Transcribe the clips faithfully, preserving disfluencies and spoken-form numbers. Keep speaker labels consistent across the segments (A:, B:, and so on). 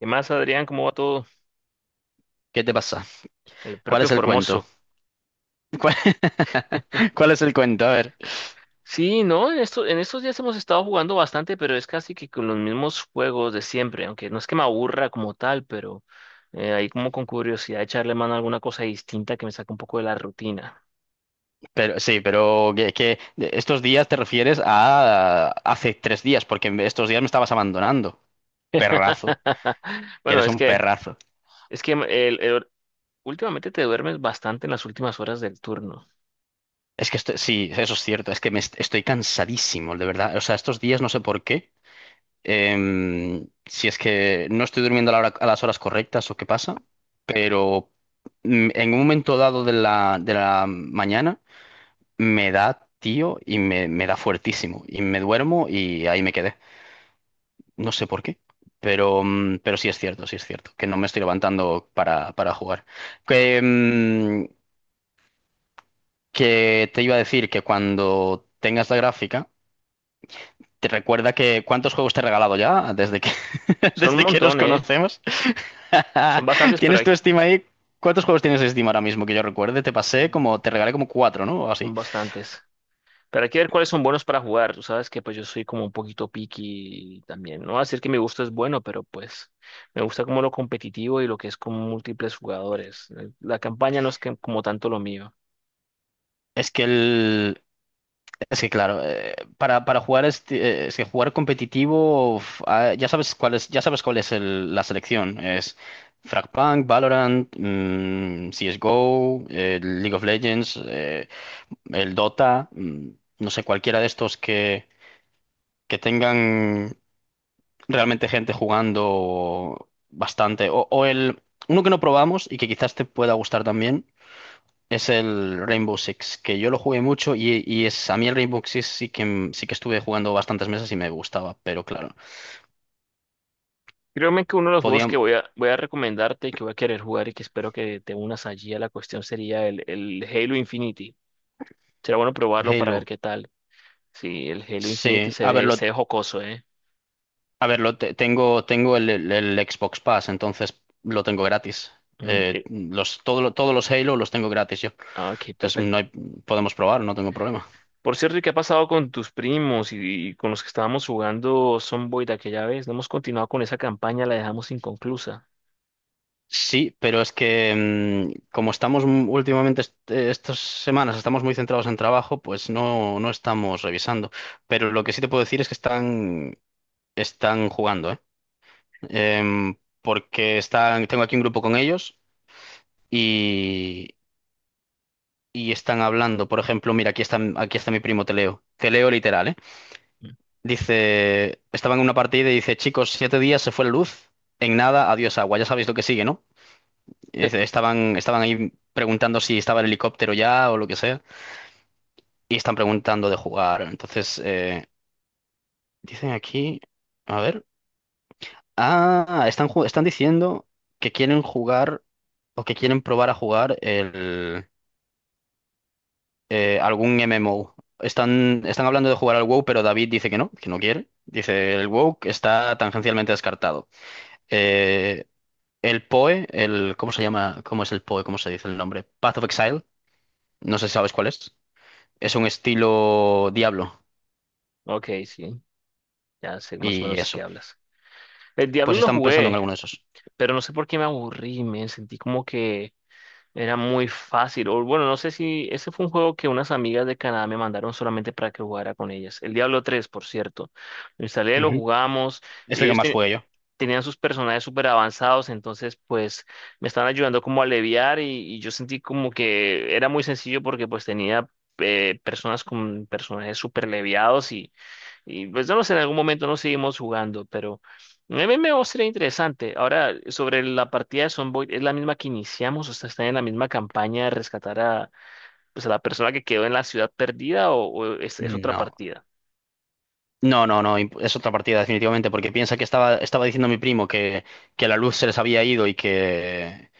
A: ¿Qué más, Adrián? ¿Cómo va todo?
B: ¿Qué te pasa?
A: El
B: ¿Cuál
A: propio
B: es el cuento?
A: Formoso.
B: ¿Cuál, cuál es el cuento? A ver.
A: Sí, no, en esto- en estos días hemos estado jugando bastante, pero es casi que con los mismos juegos de siempre, aunque no es que me aburra como tal, pero eh, ahí como con curiosidad echarle mano a alguna cosa distinta que me saque un poco de la rutina.
B: Pero sí, pero que, que estos días te refieres a hace tres días, porque estos días me estabas abandonando. Perrazo. Que
A: Bueno,
B: eres
A: es
B: un
A: que,
B: perrazo.
A: es que el- el- últimamente te duermes bastante en las últimas horas del turno.
B: Es que estoy, sí, eso es cierto. Es que me est- estoy cansadísimo, de verdad. O sea, estos días no sé por qué. Em, si es que no estoy durmiendo a la hora- a las horas correctas o qué pasa, pero mm, en un momento dado de la, de la mañana me da, tío, y me, me da fuertísimo. Y me duermo y ahí me quedé. No sé por qué, pero, mm, pero sí es cierto, sí es cierto, que no me estoy levantando para, para jugar. Que, mm, que te iba a decir que cuando tengas la gráfica, te recuerda que cuántos juegos te he regalado ya desde que,
A: Son un
B: desde que nos
A: montón, ¿eh?
B: conocemos.
A: Son bastantes, pero
B: ¿Tienes
A: hay,
B: tu
A: que-
B: Steam ahí? ¿Cuántos juegos tienes de Steam ahora mismo que yo recuerde? Te pasé como, te regalé como cuatro, ¿no? O así.
A: son bastantes. Pero hay que ver cuáles son buenos para jugar. Tú sabes que pues yo soy como un poquito picky también. No voy a decir que mi gusto es bueno, pero pues me gusta como lo competitivo y lo que es con múltiples jugadores. Eh, La campaña no es que- como tanto lo mío.
B: Es que el, Es que claro, eh, para, para jugar este, eh, es que jugar competitivo, uf, ah, ya sabes cuál es, ya sabes cuál es el- la selección. Es Fragpunk, Valorant, mm, C S G O, eh, League of Legends, eh, el Dota, mm, no sé, cualquiera de estos que, que tengan realmente gente jugando bastante. O, o el uno que no probamos y que quizás te pueda gustar también, es el Rainbow Six, que yo lo jugué mucho y, y es, a mí el Rainbow Six sí que, m- sí que estuve jugando bastantes meses y me gustaba, pero claro,
A: Créeme que uno de los juegos
B: podían.
A: que voy a, voy a recomendarte y que voy a querer jugar y que espero que te unas allí a la cuestión sería el, el Halo Infinity. Será bueno probarlo para ver
B: Halo,
A: qué tal. Sí, el Halo Infinity
B: sí,
A: se
B: a
A: ve, se
B: verlo,
A: ve jocoso, ¿eh?
B: a verlo, te- tengo, tengo el, el- el Xbox Pass, entonces lo tengo gratis.
A: Mm,
B: Eh,
A: eh,
B: los, todo, lo- todos los Halo los tengo gratis yo,
A: ah, ok,
B: entonces
A: perfecto.
B: no hay, podemos probar, no tengo problema.
A: Por cierto, ¿y qué ha pasado con tus primos y, y con los que estábamos jugando Sonboy de aquella vez? No hemos continuado con esa campaña, la dejamos inconclusa.
B: Sí, pero es que mm, como estamos m- últimamente est- eh, estas semanas estamos muy centrados en trabajo, pues no, no estamos revisando. Pero lo que sí te puedo decir es que están, están jugando, ¿eh? Em, Porque están, tengo aquí un grupo con ellos y, y están hablando. Por ejemplo, mira, aquí está, aquí está mi primo, te leo. Te leo literal, ¿eh?
A: Mm.
B: Dice, estaba en una partida y dice, chicos, siete días se fue la luz. En nada, adiós agua. Ya sabéis lo que sigue, ¿no? Es- Estaban, estaban ahí preguntando si estaba el helicóptero ya o lo que sea. Y están preguntando de jugar. Entonces, eh, dicen aquí, a ver. Ah, están, ju- están diciendo que quieren jugar o que quieren probar a jugar el, eh, algún M M O. Están, están hablando de jugar al W O W, pero David dice que no, que no quiere. Dice, el W O W está tangencialmente descartado. Eh, el P O E, el, ¿cómo se llama? ¿Cómo es el P O E? ¿Cómo se dice el nombre? Path of Exile. No sé si sabes cuál es. Es un estilo Diablo
A: Ok, sí, ya sé más o
B: y
A: menos de qué
B: eso.
A: hablas. El Diablo
B: Pues
A: lo
B: estamos pensando en
A: jugué,
B: alguno de esos.
A: pero no sé por qué me aburrí, me sentí como que era muy fácil. O bueno, no sé si ese fue un juego que unas amigas de Canadá me mandaron solamente para que jugara con ellas. El Diablo tres, por cierto. Lo instalé, lo
B: Ujú.
A: jugamos
B: Es
A: y
B: el que
A: ellos,
B: más
A: ten-
B: jugué yo.
A: tenían sus personajes súper avanzados, entonces pues me estaban ayudando como a aliviar y, y yo sentí como que era muy sencillo porque pues tenía eh, personas con personajes súper leviados y, y pues no lo sé, en algún momento nos seguimos jugando, pero M M O sería interesante. Ahora, sobre la partida de Sonboy, ¿es la misma que iniciamos? O sea, ¿están en la misma campaña de rescatar a, pues, a la persona que quedó en la ciudad perdida o, o es, es otra
B: No.
A: partida?
B: No, no, no, imp- es otra partida definitivamente, porque piensa que estaba, estaba diciendo mi primo que, que la luz se les había ido y que,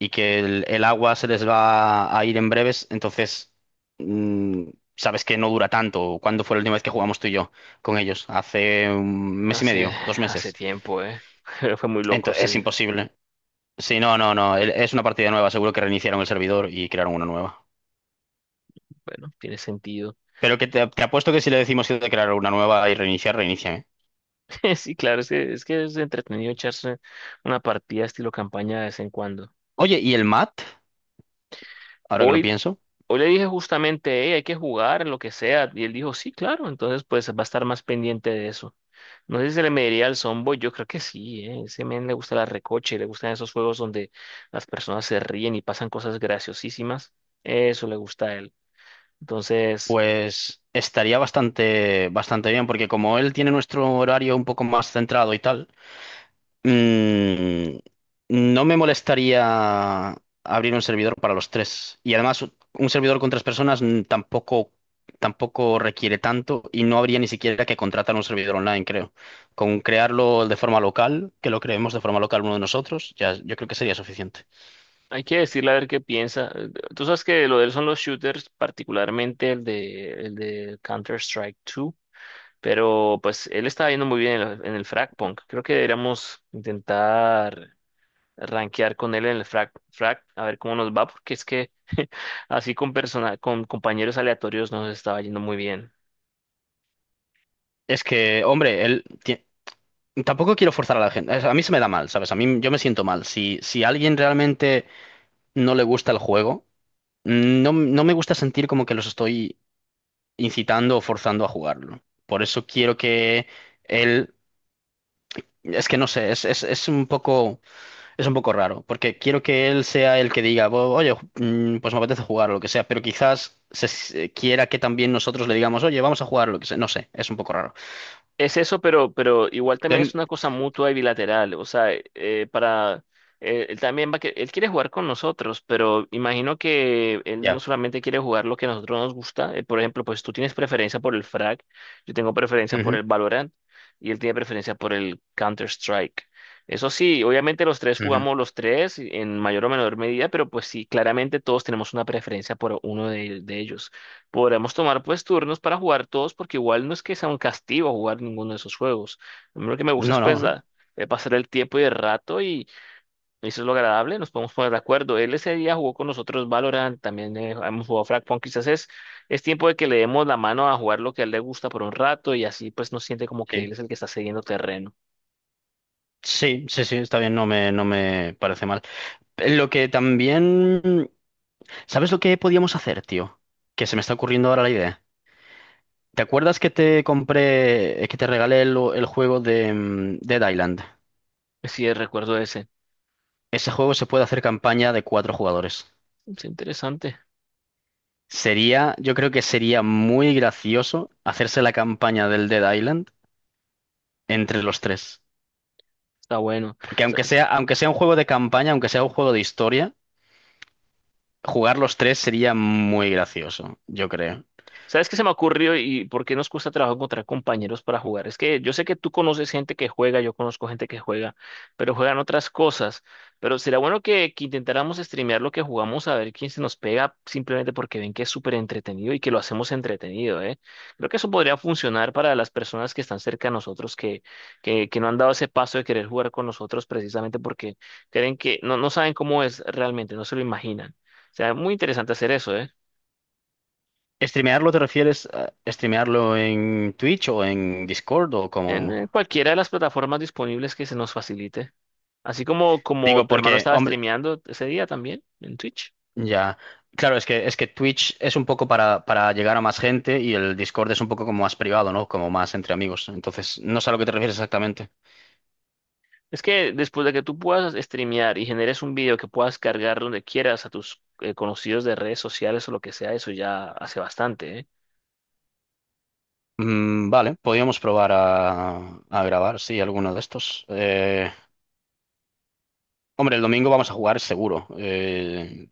B: y que el, el agua se les va a ir en breves, entonces mm, sabes que no dura tanto. ¿Cuándo fue la última vez que jugamos tú y yo con ellos? Hace un mes y
A: Hace,
B: medio, dos
A: hace
B: meses.
A: tiempo, ¿eh? Fue muy loco,
B: Entonces es
A: sí.
B: imposible. Sí, no, no, no, el- es una partida nueva, seguro que reiniciaron el servidor y crearon una nueva.
A: Bueno, tiene sentido.
B: Pero que te, te apuesto que si le decimos que crear una nueva y reiniciar, reinicia, ¿eh?
A: Sí, claro, es que, es que es entretenido echarse una partida estilo campaña de vez en cuando.
B: Oye, ¿y el mat? Ahora que lo
A: Hoy,
B: pienso,
A: hoy le dije justamente, hey, hay que jugar, lo que sea, y él dijo, sí, claro, entonces pues va a estar más pendiente de eso. No sé si se le mediría al Zomboy, yo creo que sí, ¿eh? Ese men le gusta la recoche, le gustan esos juegos donde las personas se ríen y pasan cosas graciosísimas. Eso le gusta a él. Entonces,
B: pues estaría bastante, bastante bien, porque como él tiene nuestro horario un poco más centrado y tal, mm, no me molestaría abrir un servidor para los tres. Y además, un servidor con tres personas mm, tampoco, tampoco requiere tanto y no habría ni siquiera que contratar un servidor online, creo. Con crearlo de forma local, que lo creemos de forma local uno de nosotros, ya yo creo que sería suficiente.
A: hay que decirle a ver qué piensa. Eh, Tú sabes que lo de él son los shooters, particularmente el de, el de Counter-Strike dos. Pero pues él estaba yendo muy bien en, el en el Frag Punk. Creo que deberíamos intentar rankear con él en el Frag, Frag, a ver cómo nos va, porque es que así con persona, con compañeros aleatorios nos estaba yendo muy bien.
B: Es que, hombre, él ti- tampoco quiero forzar a la gente. Es- A mí se me da mal, ¿sabes? A mí yo me siento mal. Si, si a alguien realmente no le gusta el juego, no, no me gusta sentir como que los estoy incitando o forzando a jugarlo. Por eso quiero que él. Es que no sé, es, es, es un poco, es un poco raro, porque quiero que él sea el que diga, "Bo- oye, ju- mm, pues me apetece jugar o lo que sea, pero quizás se, se- quiera que también nosotros le digamos, oye, vamos a jugar o lo que sea, no sé, es un poco raro.
A: Es eso, pero, pero igual también es
B: Entonces,
A: una cosa mutua y bilateral. O sea, eh, para eh, él también va a que él quiere jugar con nosotros, pero imagino que él no
B: ya.
A: solamente quiere jugar lo que a nosotros nos gusta. Eh, por ejemplo, pues tú tienes preferencia por el Frag, yo tengo preferencia por
B: Ujú,
A: el Valorant y él tiene preferencia por el Counter-Strike. Eso sí, obviamente los tres
B: ujú.
A: jugamos los tres en mayor o menor medida, pero pues sí, claramente todos tenemos una preferencia por uno de de ellos. Podremos tomar pues turnos para jugar todos porque igual no es que sea un castigo jugar ninguno de esos juegos. A mí lo que me gusta es
B: No,
A: pues
B: no.
A: la- eh, pasar el tiempo y el rato y eso es lo agradable, nos podemos poner de acuerdo. Él ese día jugó con nosotros Valorant, también eh, hemos jugado Fragpunk, quizás es, es tiempo de que le demos la mano a jugar lo que a él le gusta por un rato y así pues no siente como que
B: Sí,
A: él es el que está cediendo terreno.
B: sí, sí, sí, está bien, no me, no me parece mal. Eh, Lo que también... ¿Sabes lo que podíamos hacer, tío? Que se me está ocurriendo ahora la idea. ¿Te acuerdas que te compré, eh, que te regalé el, el juego de, mm, Dead Island?
A: Sí, recuerdo ese.
B: Ese juego se puede hacer campaña de cuatro jugadores.
A: Es interesante,
B: Sería, yo creo que sería muy gracioso hacerse la campaña del Dead Island entre los tres.
A: está bueno.
B: Porque aunque sea, aunque sea un juego de campaña, aunque sea un juego de historia, jugar los tres sería muy gracioso, yo creo.
A: ¿Sabes qué se me ocurrió y por qué nos cuesta trabajo encontrar compañeros para jugar? Es que yo sé que tú conoces gente que juega, yo conozco gente que juega, pero juegan otras cosas. Pero será bueno que, que intentáramos streamear lo que jugamos a ver quién se nos pega simplemente porque ven que es súper entretenido y que lo hacemos entretenido, ¿eh? Creo que eso podría funcionar para las personas que están cerca de nosotros, que, que, que no han dado ese paso de querer jugar con nosotros precisamente porque creen que no, no saben cómo es realmente, no se lo imaginan. O sea, muy interesante hacer eso, ¿eh?
B: ¿Streamearlo te refieres a streamearlo en Twitch o en Discord o
A: En eh,
B: como?
A: cualquiera de las plataformas disponibles que se nos facilite. Así como, como
B: Digo,
A: tu hermano
B: porque,
A: estaba
B: hombre,
A: streameando ese día también en Twitch.
B: ya. Claro, es que es que Twitch es un poco para, para llegar a más gente y el Discord es un poco como más privado, ¿no? Como más entre amigos. Entonces, no sé a lo que te refieres exactamente.
A: Es que después de que tú puedas streamear y generes un video que puedas cargar donde quieras a tus eh, conocidos de redes sociales o lo que sea, eso ya hace bastante, ¿eh?
B: Mm, vale, podríamos probar a, a grabar, sí, alguno de estos. Eh, hombre, el domingo vamos a jugar seguro. Eh,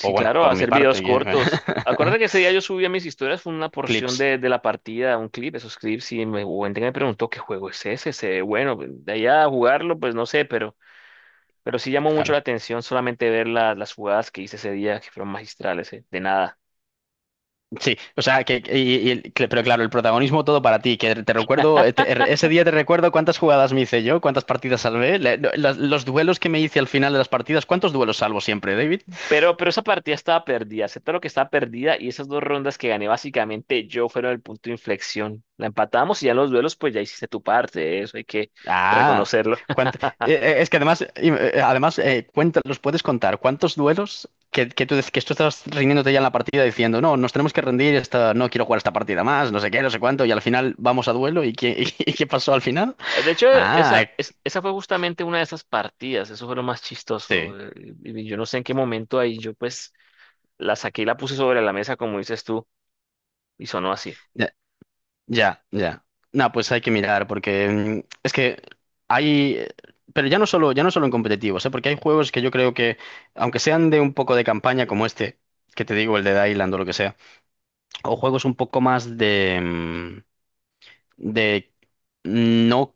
B: o bueno,
A: claro,
B: por mi
A: hacer
B: parte,
A: videos cortos. Acuérdate que ese día yo subí a mis historias, fue una porción
B: clips,
A: de, de la partida, un clip, esos clips, y me, hubo gente que me preguntó qué juego es ese, ese, bueno, pues, de allá a jugarlo, pues no sé, pero Pero sí llamó mucho
B: claro.
A: la atención solamente ver la- las jugadas que hice ese día, que fueron magistrales, eh, de nada.
B: Sí, o sea, que, y- y- cl- pero claro, el protagonismo todo para ti, que te recuerdo, eh, te- er, ese día te recuerdo cuántas jugadas me hice yo, cuántas partidas salvé, le- lo- las- los duelos que me hice al final de las partidas, ¿cuántos duelos salvo siempre, David?
A: Pero, pero esa partida estaba perdida, acepta lo que estaba perdida y esas dos rondas que gané básicamente yo fueron el punto de inflexión. La empatamos y ya en los duelos pues ya hiciste tu parte, eh, eso hay que
B: Ah,
A: reconocerlo.
B: cuánt- eh, eh, es que además, im- eh, además eh, cuenta- los puedes contar, ¿cuántos duelos que, que tú, dec- que tú estás rindiéndote ya en la partida diciendo, no, nos tenemos que rendir, esta, no quiero jugar esta partida más, no sé qué, no sé cuánto, y al final vamos a duelo, ¿y qué, y qué pasó al final?
A: De hecho,
B: Ah,
A: esa,
B: eh,
A: es- esa fue justamente una de esas partidas, eso fue lo más chistoso.
B: sí.
A: Eh, y- y yo no sé en qué momento ahí yo pues la saqué y la puse sobre la mesa como dices tú y sonó así.
B: Ya, ya. No, pues hay que mirar, porque mm, es que hay. eh, Pero ya no solo, ya no solo en competitivos, ¿eh? Porque hay juegos que yo creo que, aunque sean de un poco de campaña, como este, que te digo, el de Island o lo que sea, o juegos un poco más de, mm, de no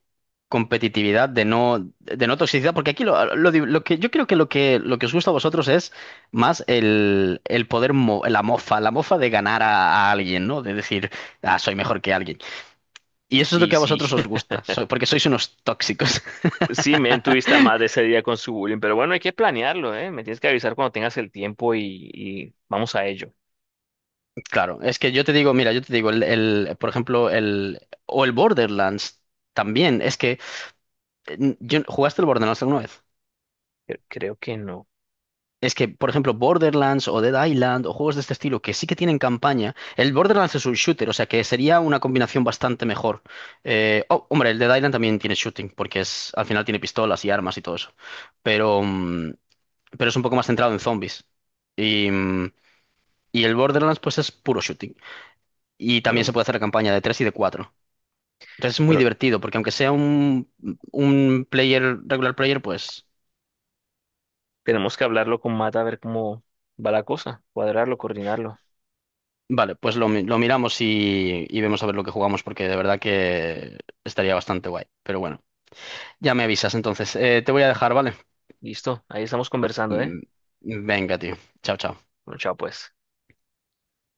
B: competitividad, de no, de no toxicidad, porque aquí lo, lo di- lo que yo creo que lo que lo que os gusta a vosotros es más el, el poder, mo- la mofa, la mofa de ganar a, a alguien, ¿no? De decir, ah, soy mejor que alguien. Y eso es lo
A: Y
B: que a
A: sí.
B: vosotros os gusta, so- porque sois unos tóxicos.
A: Sí, men, tuviste a más de ese día con su bullying, pero bueno, hay que planearlo, ¿eh? Me tienes que avisar cuando tengas el tiempo y, y vamos a ello.
B: Claro, es que yo te digo, mira, yo te digo, el, el- por ejemplo, el, o el Borderlands también, es que, eh, yo- ¿jugaste el Borderlands alguna vez?
A: Cre- Creo que no.
B: Es que, por ejemplo, Borderlands o Dead Island o juegos de este estilo que sí que tienen campaña, el Borderlands es un shooter, o sea que sería una combinación bastante mejor. Eh, oh, hombre, el Dead Island también tiene shooting, porque es, al final tiene pistolas y armas y todo eso, pero, mm, pero es un poco más centrado en zombies. Y, mm, y el Borderlands, pues es puro shooting. Y también
A: Bueno,
B: se puede hacer la campaña de tres y de cuatro. Entonces es muy
A: bueno,
B: divertido, porque aunque sea un, un player, regular player, pues
A: tenemos que hablarlo con Mata a ver cómo va la cosa, cuadrarlo, coordinarlo.
B: vale, pues lo, mi- lo miramos y, y vemos a ver lo que jugamos, porque de verdad que estaría bastante guay. Pero bueno, ya me avisas entonces. Eh, te voy a dejar, ¿vale?
A: Listo, ahí estamos conversando, ¿eh?
B: Mm, Venga, tío. Chao, chao.
A: Bueno, chao pues.